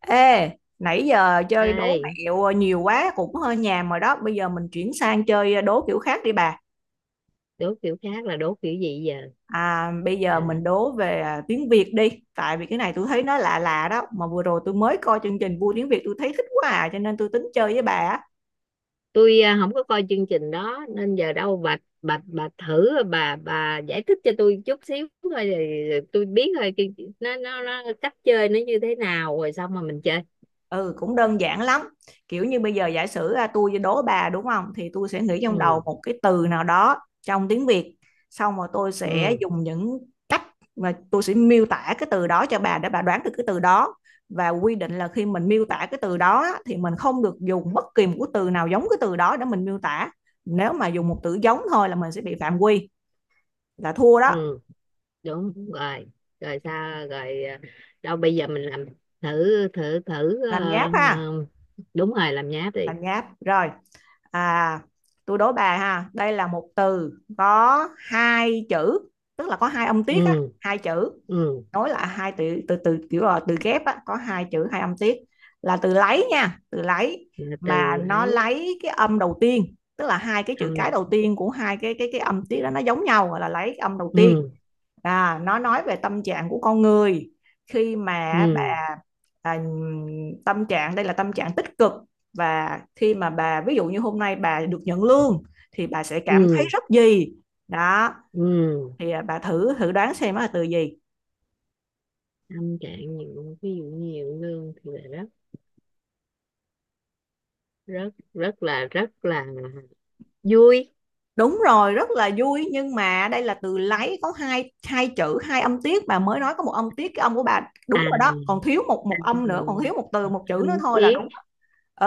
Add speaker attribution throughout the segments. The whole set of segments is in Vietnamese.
Speaker 1: Ê, nãy giờ chơi đố
Speaker 2: Ê,
Speaker 1: mẹo nhiều quá cũng hơi nhàm rồi đó. Bây giờ mình chuyển sang chơi đố kiểu khác đi bà.
Speaker 2: đố kiểu khác là đố kiểu gì giờ?
Speaker 1: Bây giờ
Speaker 2: À,
Speaker 1: mình đố về tiếng Việt đi. Tại vì cái này tôi thấy nó lạ lạ đó. Mà vừa rồi tôi mới coi chương trình Vui Tiếng Việt, tôi thấy thích quá à. Cho nên tôi tính chơi với bà. Á.
Speaker 2: tôi không có coi chương trình đó nên giờ đâu bà thử bà giải thích cho tôi chút xíu thôi rồi rồi tôi biết thôi nó cách chơi nó như thế nào rồi xong mà mình chơi.
Speaker 1: Ừ, cũng đơn giản lắm. Kiểu như bây giờ giả sử tôi đố bà, đúng không? Thì tôi sẽ nghĩ trong đầu
Speaker 2: Ừ
Speaker 1: một cái từ nào đó trong tiếng Việt. Xong rồi tôi sẽ
Speaker 2: ừ
Speaker 1: dùng những cách mà tôi sẽ miêu tả cái từ đó cho bà, để bà đoán được cái từ đó. Và quy định là khi mình miêu tả cái từ đó á, thì mình không được dùng bất kỳ một cái từ nào giống cái từ đó để mình miêu tả. Nếu mà dùng một từ giống thôi là mình sẽ bị phạm quy, là thua đó.
Speaker 2: ừ, đúng rồi. Rồi sao rồi? Đâu bây giờ mình làm thử thử thử
Speaker 1: Làm nháp ha.
Speaker 2: ờ, đúng rồi, làm nháp đi.
Speaker 1: Làm nháp. Rồi, à tôi đố bà ha, đây là một từ có hai chữ, tức là có hai âm tiết á,
Speaker 2: Ừ
Speaker 1: hai chữ
Speaker 2: ừ,
Speaker 1: nối lại, hai từ từ từ kiểu là từ ghép á, có hai chữ, hai âm tiết, là từ lấy nha, từ lấy. Mà
Speaker 2: từ
Speaker 1: nó
Speaker 2: ấy
Speaker 1: lấy cái âm đầu tiên, tức là hai cái chữ cái
Speaker 2: âm
Speaker 1: đầu tiên của hai cái âm tiết đó nó giống nhau, gọi là lấy âm đầu tiên.
Speaker 2: ừ
Speaker 1: Nó nói về tâm trạng của con người khi mà
Speaker 2: ừ
Speaker 1: bà à, tâm trạng đây là tâm trạng tích cực. Và khi mà bà ví dụ như hôm nay bà được nhận lương thì bà sẽ cảm thấy
Speaker 2: ừ
Speaker 1: rất gì đó.
Speaker 2: Ừ,
Speaker 1: Thì bà thử thử đoán xem nó là từ gì.
Speaker 2: tâm trạng nhiều, ví dụ nhiều lương thì là rất, rất là vui.
Speaker 1: Đúng rồi, rất là vui, nhưng mà đây là từ lấy có hai hai chữ, hai âm tiết, bà mới nói có một âm tiết, cái âm của bà đúng
Speaker 2: à
Speaker 1: rồi đó, còn thiếu một một âm nữa, còn thiếu một từ, một chữ nữa
Speaker 2: Tâm
Speaker 1: thôi là
Speaker 2: tiết,
Speaker 1: đúng.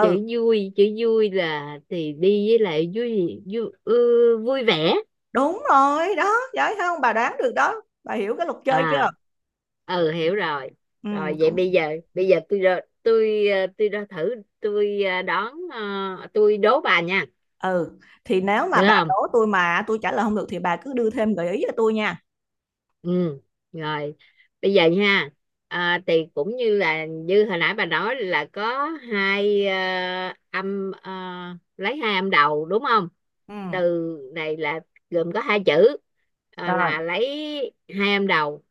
Speaker 2: chữ vui, chữ vui là thì đi với lại vui vui ừ, vui vẻ.
Speaker 1: đúng rồi đó, giỏi không? Bà đoán được đó. Bà hiểu cái luật chơi chưa?
Speaker 2: à ừ, hiểu rồi.
Speaker 1: Ừ,
Speaker 2: Rồi vậy bây
Speaker 1: cũng
Speaker 2: giờ, tôi ra thử, tôi ờ, đón ờ, tôi đố bà nha.
Speaker 1: ừ, thì nếu mà bà
Speaker 2: Được.
Speaker 1: đố tôi mà tôi trả lời không được thì bà cứ đưa thêm gợi ý cho tôi nha.
Speaker 2: Ừ, rồi. Bây giờ nha, thì cũng như là như hồi nãy bà nói là có hai âm, lấy hai âm đầu đúng không?
Speaker 1: Ừ,
Speaker 2: Từ này là gồm có hai chữ,
Speaker 1: rồi.
Speaker 2: là lấy hai âm đầu,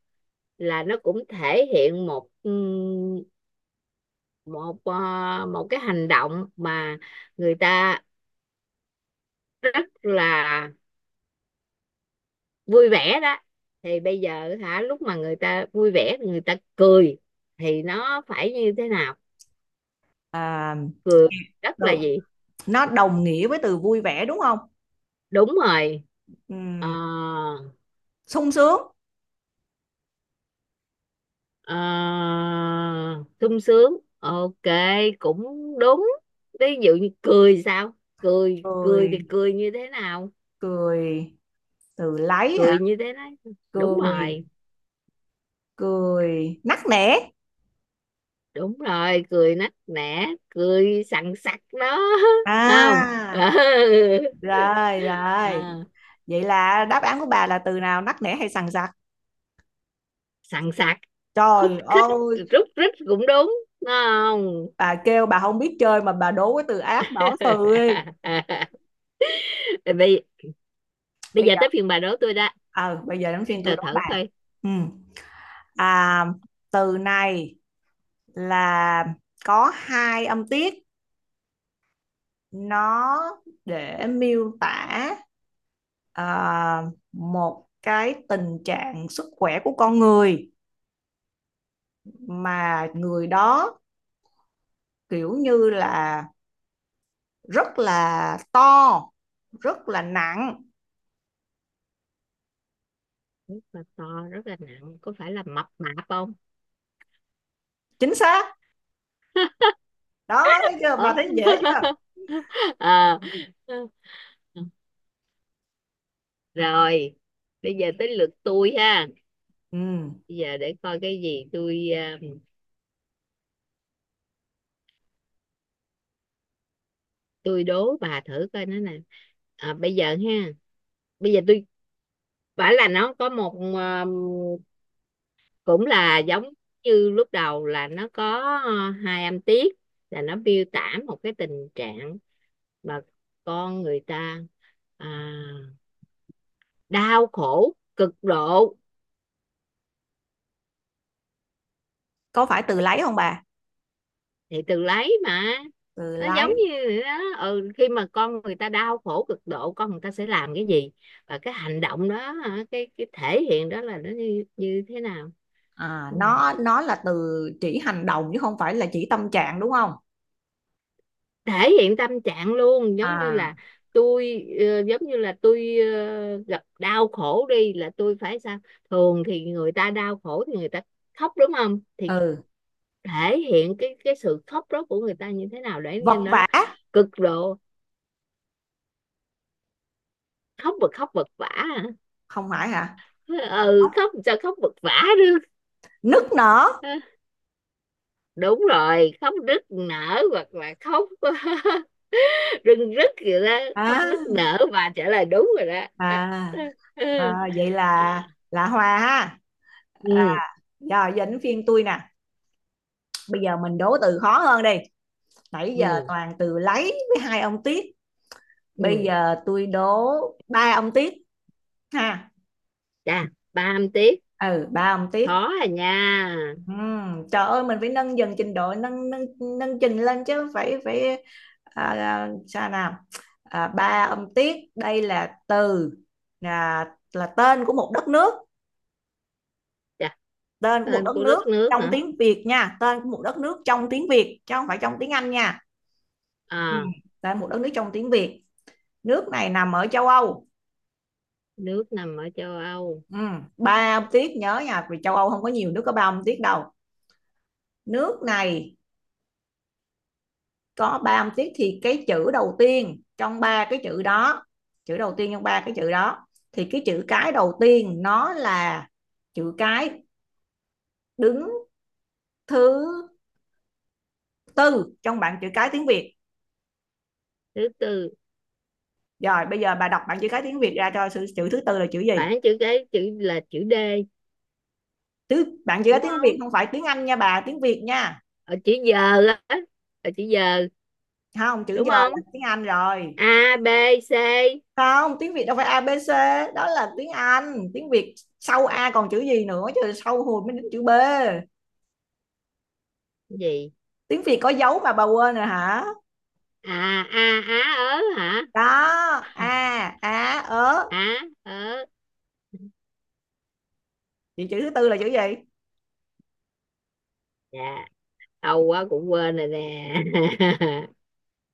Speaker 2: là nó cũng thể hiện một một một cái hành động mà người ta rất là vui vẻ đó. Thì bây giờ hả, lúc mà người ta vui vẻ người ta cười thì nó phải như thế nào,
Speaker 1: À,
Speaker 2: cười rất
Speaker 1: từ
Speaker 2: là gì?
Speaker 1: nó đồng nghĩa với từ vui vẻ đúng không?
Speaker 2: Đúng rồi.
Speaker 1: Ừ,
Speaker 2: Ờ,
Speaker 1: sung sướng,
Speaker 2: ờ, sung sướng, ok, cũng đúng. Ví dụ như cười sao, cười cười thì
Speaker 1: cười
Speaker 2: cười như thế nào,
Speaker 1: cười từ lấy hả,
Speaker 2: cười như thế đấy. Đúng
Speaker 1: cười
Speaker 2: rồi,
Speaker 1: cười nắc nẻ.
Speaker 2: đúng rồi, cười nắc nẻ, cười sằng sặc đó. Không, ừ.
Speaker 1: À rồi, rồi,
Speaker 2: Ờ.
Speaker 1: vậy là đáp án của bà là từ nào, nắc nẻ hay sằng sặc?
Speaker 2: Sằng sạc, khúc
Speaker 1: Trời
Speaker 2: khích,
Speaker 1: ơi,
Speaker 2: rúc rít cũng đúng, đúng không?
Speaker 1: bà kêu bà không biết chơi mà bà đố cái từ ác, bỏ từ đi.
Speaker 2: bây Bây
Speaker 1: Bây
Speaker 2: giờ
Speaker 1: giờ
Speaker 2: tới phiên bà đố tôi đó,
Speaker 1: ờ bây giờ đến phiên tôi
Speaker 2: tôi
Speaker 1: đố bà.
Speaker 2: thử coi.
Speaker 1: Ừ. À, từ này là có hai âm tiết, nó để miêu tả à, một cái tình trạng sức khỏe của con người, mà người đó kiểu như là rất là to, rất là nặng.
Speaker 2: Rất là to, rất là nặng, có phải là mập mạp không?
Speaker 1: Chính xác đó, thấy chưa,
Speaker 2: Ủa?
Speaker 1: bà thấy dễ chưa?
Speaker 2: Ờ. Rồi bây giờ tới lượt tôi ha.
Speaker 1: Ừ.
Speaker 2: Bây giờ để coi cái gì, tôi đố bà thử coi nó nè. Bây giờ ha, bây giờ tôi bảo là nó có một, cũng là giống như lúc đầu là nó có hai âm tiết, là nó miêu tả một cái tình trạng mà con người ta à, đau khổ cực độ.
Speaker 1: Có phải từ lấy không bà?
Speaker 2: Thì từ lấy mà,
Speaker 1: Từ
Speaker 2: nó giống
Speaker 1: lấy.
Speaker 2: như đó, ừ, khi mà con người ta đau khổ cực độ con người ta sẽ làm cái gì, và cái hành động đó, cái thể hiện đó là nó như, như thế nào.
Speaker 1: À,
Speaker 2: Ừ.
Speaker 1: nó là từ chỉ hành động chứ không phải là chỉ tâm trạng, đúng không?
Speaker 2: Thể hiện tâm trạng luôn, giống như
Speaker 1: À,
Speaker 2: là giống như là gặp đau khổ đi là tôi phải sao, thường thì người ta đau khổ thì người ta khóc đúng không. Thì
Speaker 1: ừ,
Speaker 2: thể hiện cái sự khóc đó của người ta như thế nào, để như
Speaker 1: vật
Speaker 2: nó
Speaker 1: vã.
Speaker 2: cực độ, khóc. Và khóc vật vã hả?
Speaker 1: Không phải hả?
Speaker 2: Ừ, khóc sao khóc vật vã được.
Speaker 1: Nức nở.
Speaker 2: Ờ, đúng rồi, khóc nức nở, hoặc là khóc rưng rức gì đó. Khóc nức
Speaker 1: À,
Speaker 2: nở và trả lời đúng rồi đó. Ờ,
Speaker 1: à,
Speaker 2: ờ, ờ.
Speaker 1: à vậy là hòa ha. À,
Speaker 2: ừ
Speaker 1: rồi giờ đến phiên tôi nè. Bây giờ mình đố từ khó hơn đi, nãy giờ
Speaker 2: ừ
Speaker 1: toàn từ lấy với hai ông Tiết, bây
Speaker 2: ừ
Speaker 1: giờ tôi đố ba ông Tiết ha.
Speaker 2: Chà, ba âm tiết,
Speaker 1: Ừ, ba ông Tiết.
Speaker 2: khó à nha.
Speaker 1: Trời ơi, mình phải nâng dần trình độ, nâng nâng nâng trình lên chứ, phải phải. Sao nào. À, ba ông Tiết đây là từ, là là tên của một đất nước,
Speaker 2: Chà,
Speaker 1: tên của một
Speaker 2: tên
Speaker 1: đất
Speaker 2: của
Speaker 1: nước
Speaker 2: đất nước
Speaker 1: trong
Speaker 2: hả?
Speaker 1: tiếng Việt nha, tên của một đất nước trong tiếng Việt chứ không phải trong tiếng Anh nha. Ừ.
Speaker 2: à
Speaker 1: Tên một đất nước trong tiếng Việt, nước này nằm ở châu Âu.
Speaker 2: Nước nằm ở châu Âu.
Speaker 1: Ừ. Ba âm tiết nhớ nha, vì châu Âu không có nhiều nước có ba âm tiết đâu. Nước này có ba âm tiết, thì cái chữ đầu tiên trong ba cái chữ đó, chữ đầu tiên trong ba cái chữ đó, thì cái chữ cái đầu tiên nó là chữ cái đứng thứ tư trong bảng chữ cái tiếng Việt.
Speaker 2: Thứ tư,
Speaker 1: Rồi bây giờ bà đọc bảng chữ cái tiếng Việt ra cho, chữ thứ tư là chữ gì?
Speaker 2: bảng chữ cái, chữ là chữ D
Speaker 1: Tứ bạn chỉ có
Speaker 2: đúng
Speaker 1: tiếng Việt,
Speaker 2: không?
Speaker 1: không phải tiếng Anh nha bà, tiếng Việt nha.
Speaker 2: Ở chữ giờ á, ở chữ giờ,
Speaker 1: Không, chữ
Speaker 2: đúng
Speaker 1: giờ
Speaker 2: không?
Speaker 1: là tiếng Anh rồi.
Speaker 2: A B C
Speaker 1: Không, tiếng Việt đâu phải a ABC, đó là tiếng Anh. Tiếng Việt sau A còn chữ gì nữa chứ, sau hồi mới đến chữ B.
Speaker 2: gì?
Speaker 1: Tiếng Việt có dấu mà bà quên rồi hả?
Speaker 2: A á ớ hả?
Speaker 1: Đó, A, Á, ớ.
Speaker 2: Á ớ,
Speaker 1: Vậy chữ thứ tư là chữ gì?
Speaker 2: dạ lâu quá cũng quên rồi nè.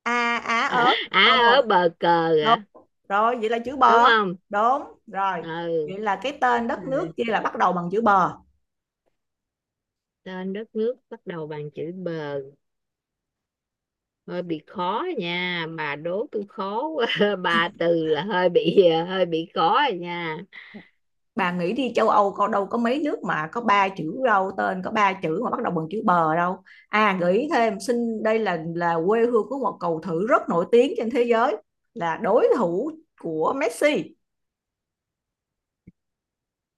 Speaker 1: A, Á, ớ.
Speaker 2: Á
Speaker 1: Xong rồi.
Speaker 2: ớ bờ cờ
Speaker 1: Đúng.
Speaker 2: hả?
Speaker 1: Rồi, vậy là chữ
Speaker 2: Đúng
Speaker 1: bờ.
Speaker 2: không?
Speaker 1: Đúng, rồi.
Speaker 2: Ừ.
Speaker 1: Vậy là cái tên
Speaker 2: à,
Speaker 1: đất nước kia là bắt đầu bằng chữ bờ.
Speaker 2: Tên đất nước bắt đầu bằng chữ B. Hơi bị khó nha, bà đố tôi khó quá. Ba từ là hơi bị, hơi bị khó rồi nha.
Speaker 1: Bà nghĩ đi, châu Âu có đâu có mấy nước mà có ba chữ đâu, tên có ba chữ mà bắt đầu bằng chữ bờ đâu. À, gợi ý thêm xin, đây là quê hương của một cầu thủ rất nổi tiếng trên thế giới, là đối thủ của Messi.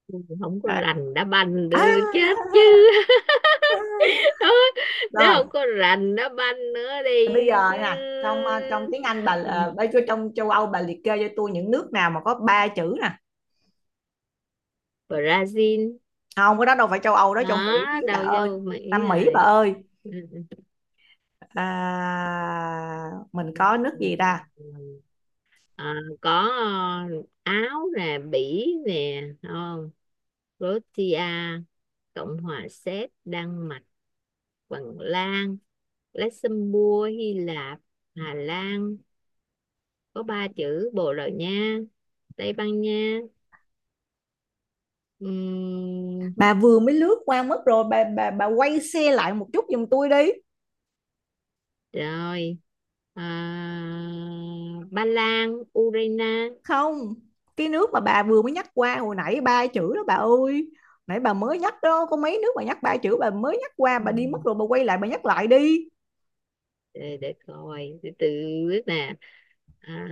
Speaker 2: Tôi không có
Speaker 1: Đấy.
Speaker 2: rành đá banh
Speaker 1: À,
Speaker 2: nữa, chết chứ.
Speaker 1: à.
Speaker 2: Đó, đó,
Speaker 1: Rồi,
Speaker 2: không có rành đá banh nữa
Speaker 1: thì bây
Speaker 2: đi
Speaker 1: giờ
Speaker 2: chứ.
Speaker 1: nè, trong trong tiếng Anh bà
Speaker 2: Ừ,
Speaker 1: bây giờ trong châu Âu bà liệt kê cho tôi những nước nào mà có ba chữ nè.
Speaker 2: Brazil.
Speaker 1: Không, cái đó đâu phải châu Âu, đó trong
Speaker 2: Đó,
Speaker 1: Mỹ bà
Speaker 2: đâu
Speaker 1: ơi,
Speaker 2: vô Mỹ
Speaker 1: Nam Mỹ bà
Speaker 2: rồi.
Speaker 1: ơi.
Speaker 2: Ừ, ừ,
Speaker 1: À, mình
Speaker 2: ừ,
Speaker 1: có nước
Speaker 2: ừ.
Speaker 1: gì ta.
Speaker 2: ừ. Ờ, có, ờ, Áo nè, Bỉ nè, đúng không? Croatia, Cộng hòa Séc, Đan Mạch, Phần Lan, Luxembourg, Hy Lạp, Hà Lan có ba chữ, Bồ Đào Nha, Tây Ban Nha, Ừm,
Speaker 1: Bà vừa mới lướt qua mất rồi, bà quay xe lại một chút giùm tôi đi.
Speaker 2: rồi. à, Ba Lan, Ukraine.
Speaker 1: Không, cái nước mà bà vừa mới nhắc qua hồi nãy ba chữ đó bà ơi, nãy bà mới nhắc đó, có mấy nước bà nhắc ba chữ, bà mới nhắc qua
Speaker 2: Ừ.
Speaker 1: bà đi mất rồi, bà quay lại bà nhắc lại đi.
Speaker 2: Để coi từ từ, biết nè. à,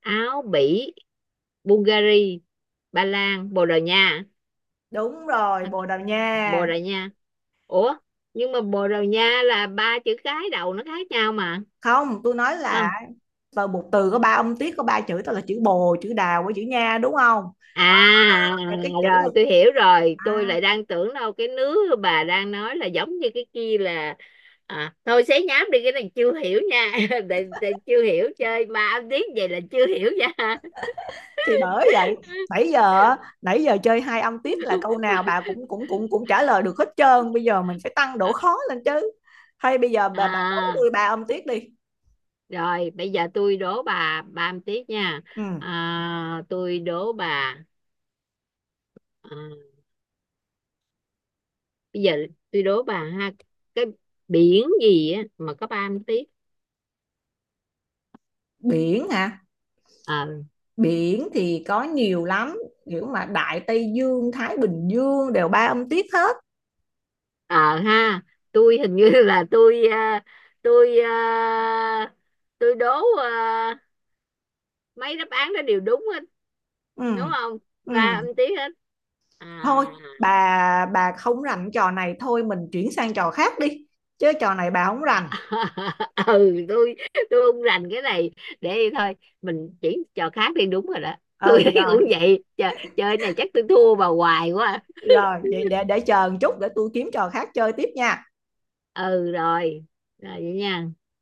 Speaker 2: Áo, Bỉ, Bulgaria, Ba Lan, Bồ Đào Nha.
Speaker 1: Đúng rồi, Bồ Đào
Speaker 2: Bồ
Speaker 1: Nha.
Speaker 2: Đào Nha, ủa nhưng mà Bồ Đào Nha là ba chữ cái đầu nó khác nhau mà.
Speaker 1: Không, tôi nói
Speaker 2: à,
Speaker 1: là từ một từ có ba âm tiết, có ba chữ, đó là chữ bồ, chữ đào với chữ nha đúng không,
Speaker 2: à
Speaker 1: là cái chữ
Speaker 2: Rồi
Speaker 1: đó.
Speaker 2: tôi hiểu rồi, tôi
Speaker 1: À
Speaker 2: lại đang tưởng đâu cái nước bà đang nói là giống như cái kia là. Thôi xé nhám đi cái này, chưa hiểu nha. Để chưa hiểu, chơi ba âm tiếng vậy là chưa hiểu nha.
Speaker 1: thì bởi vậy, nãy giờ á, nãy giờ chơi hai âm tiết là câu nào bà cũng cũng cũng cũng trả lời được hết trơn, bây giờ mình phải tăng độ khó lên chứ. Hay bây giờ bà đổi
Speaker 2: À,
Speaker 1: tôi ba âm tiết đi.
Speaker 2: rồi bây giờ tôi đố bà ba một tiếp nha.
Speaker 1: Ừ.
Speaker 2: À, tôi đố bà, à, bây giờ tôi đố bà ha, cái biển gì á mà có ba mươi tiếp.
Speaker 1: Biển hả?
Speaker 2: Ờ
Speaker 1: Biển thì có nhiều lắm, kiểu mà Đại Tây Dương, Thái Bình Dương đều ba âm tiết hết.
Speaker 2: ờ ha, tôi hình như là tôi à, tôi à, tôi đố à, mấy đáp án đó đều đúng hết,
Speaker 1: Ừ,
Speaker 2: đúng không?
Speaker 1: ừ.
Speaker 2: Ba mươi tiếp hết. À.
Speaker 1: Thôi, bà không rành trò này, thôi mình chuyển sang trò khác đi, chứ trò này bà không
Speaker 2: À,
Speaker 1: rành.
Speaker 2: ừ tôi không rành cái này, để thôi mình chuyển trò khác đi, đúng rồi đó. Tôi
Speaker 1: Ừ,
Speaker 2: thấy
Speaker 1: rồi,
Speaker 2: cũng vậy. Chờ, chơi này chắc tôi thua bà hoài quá.
Speaker 1: rồi vậy để chờ một chút để tôi kiếm trò khác chơi tiếp nha.
Speaker 2: Ừ rồi, rồi vậy nha.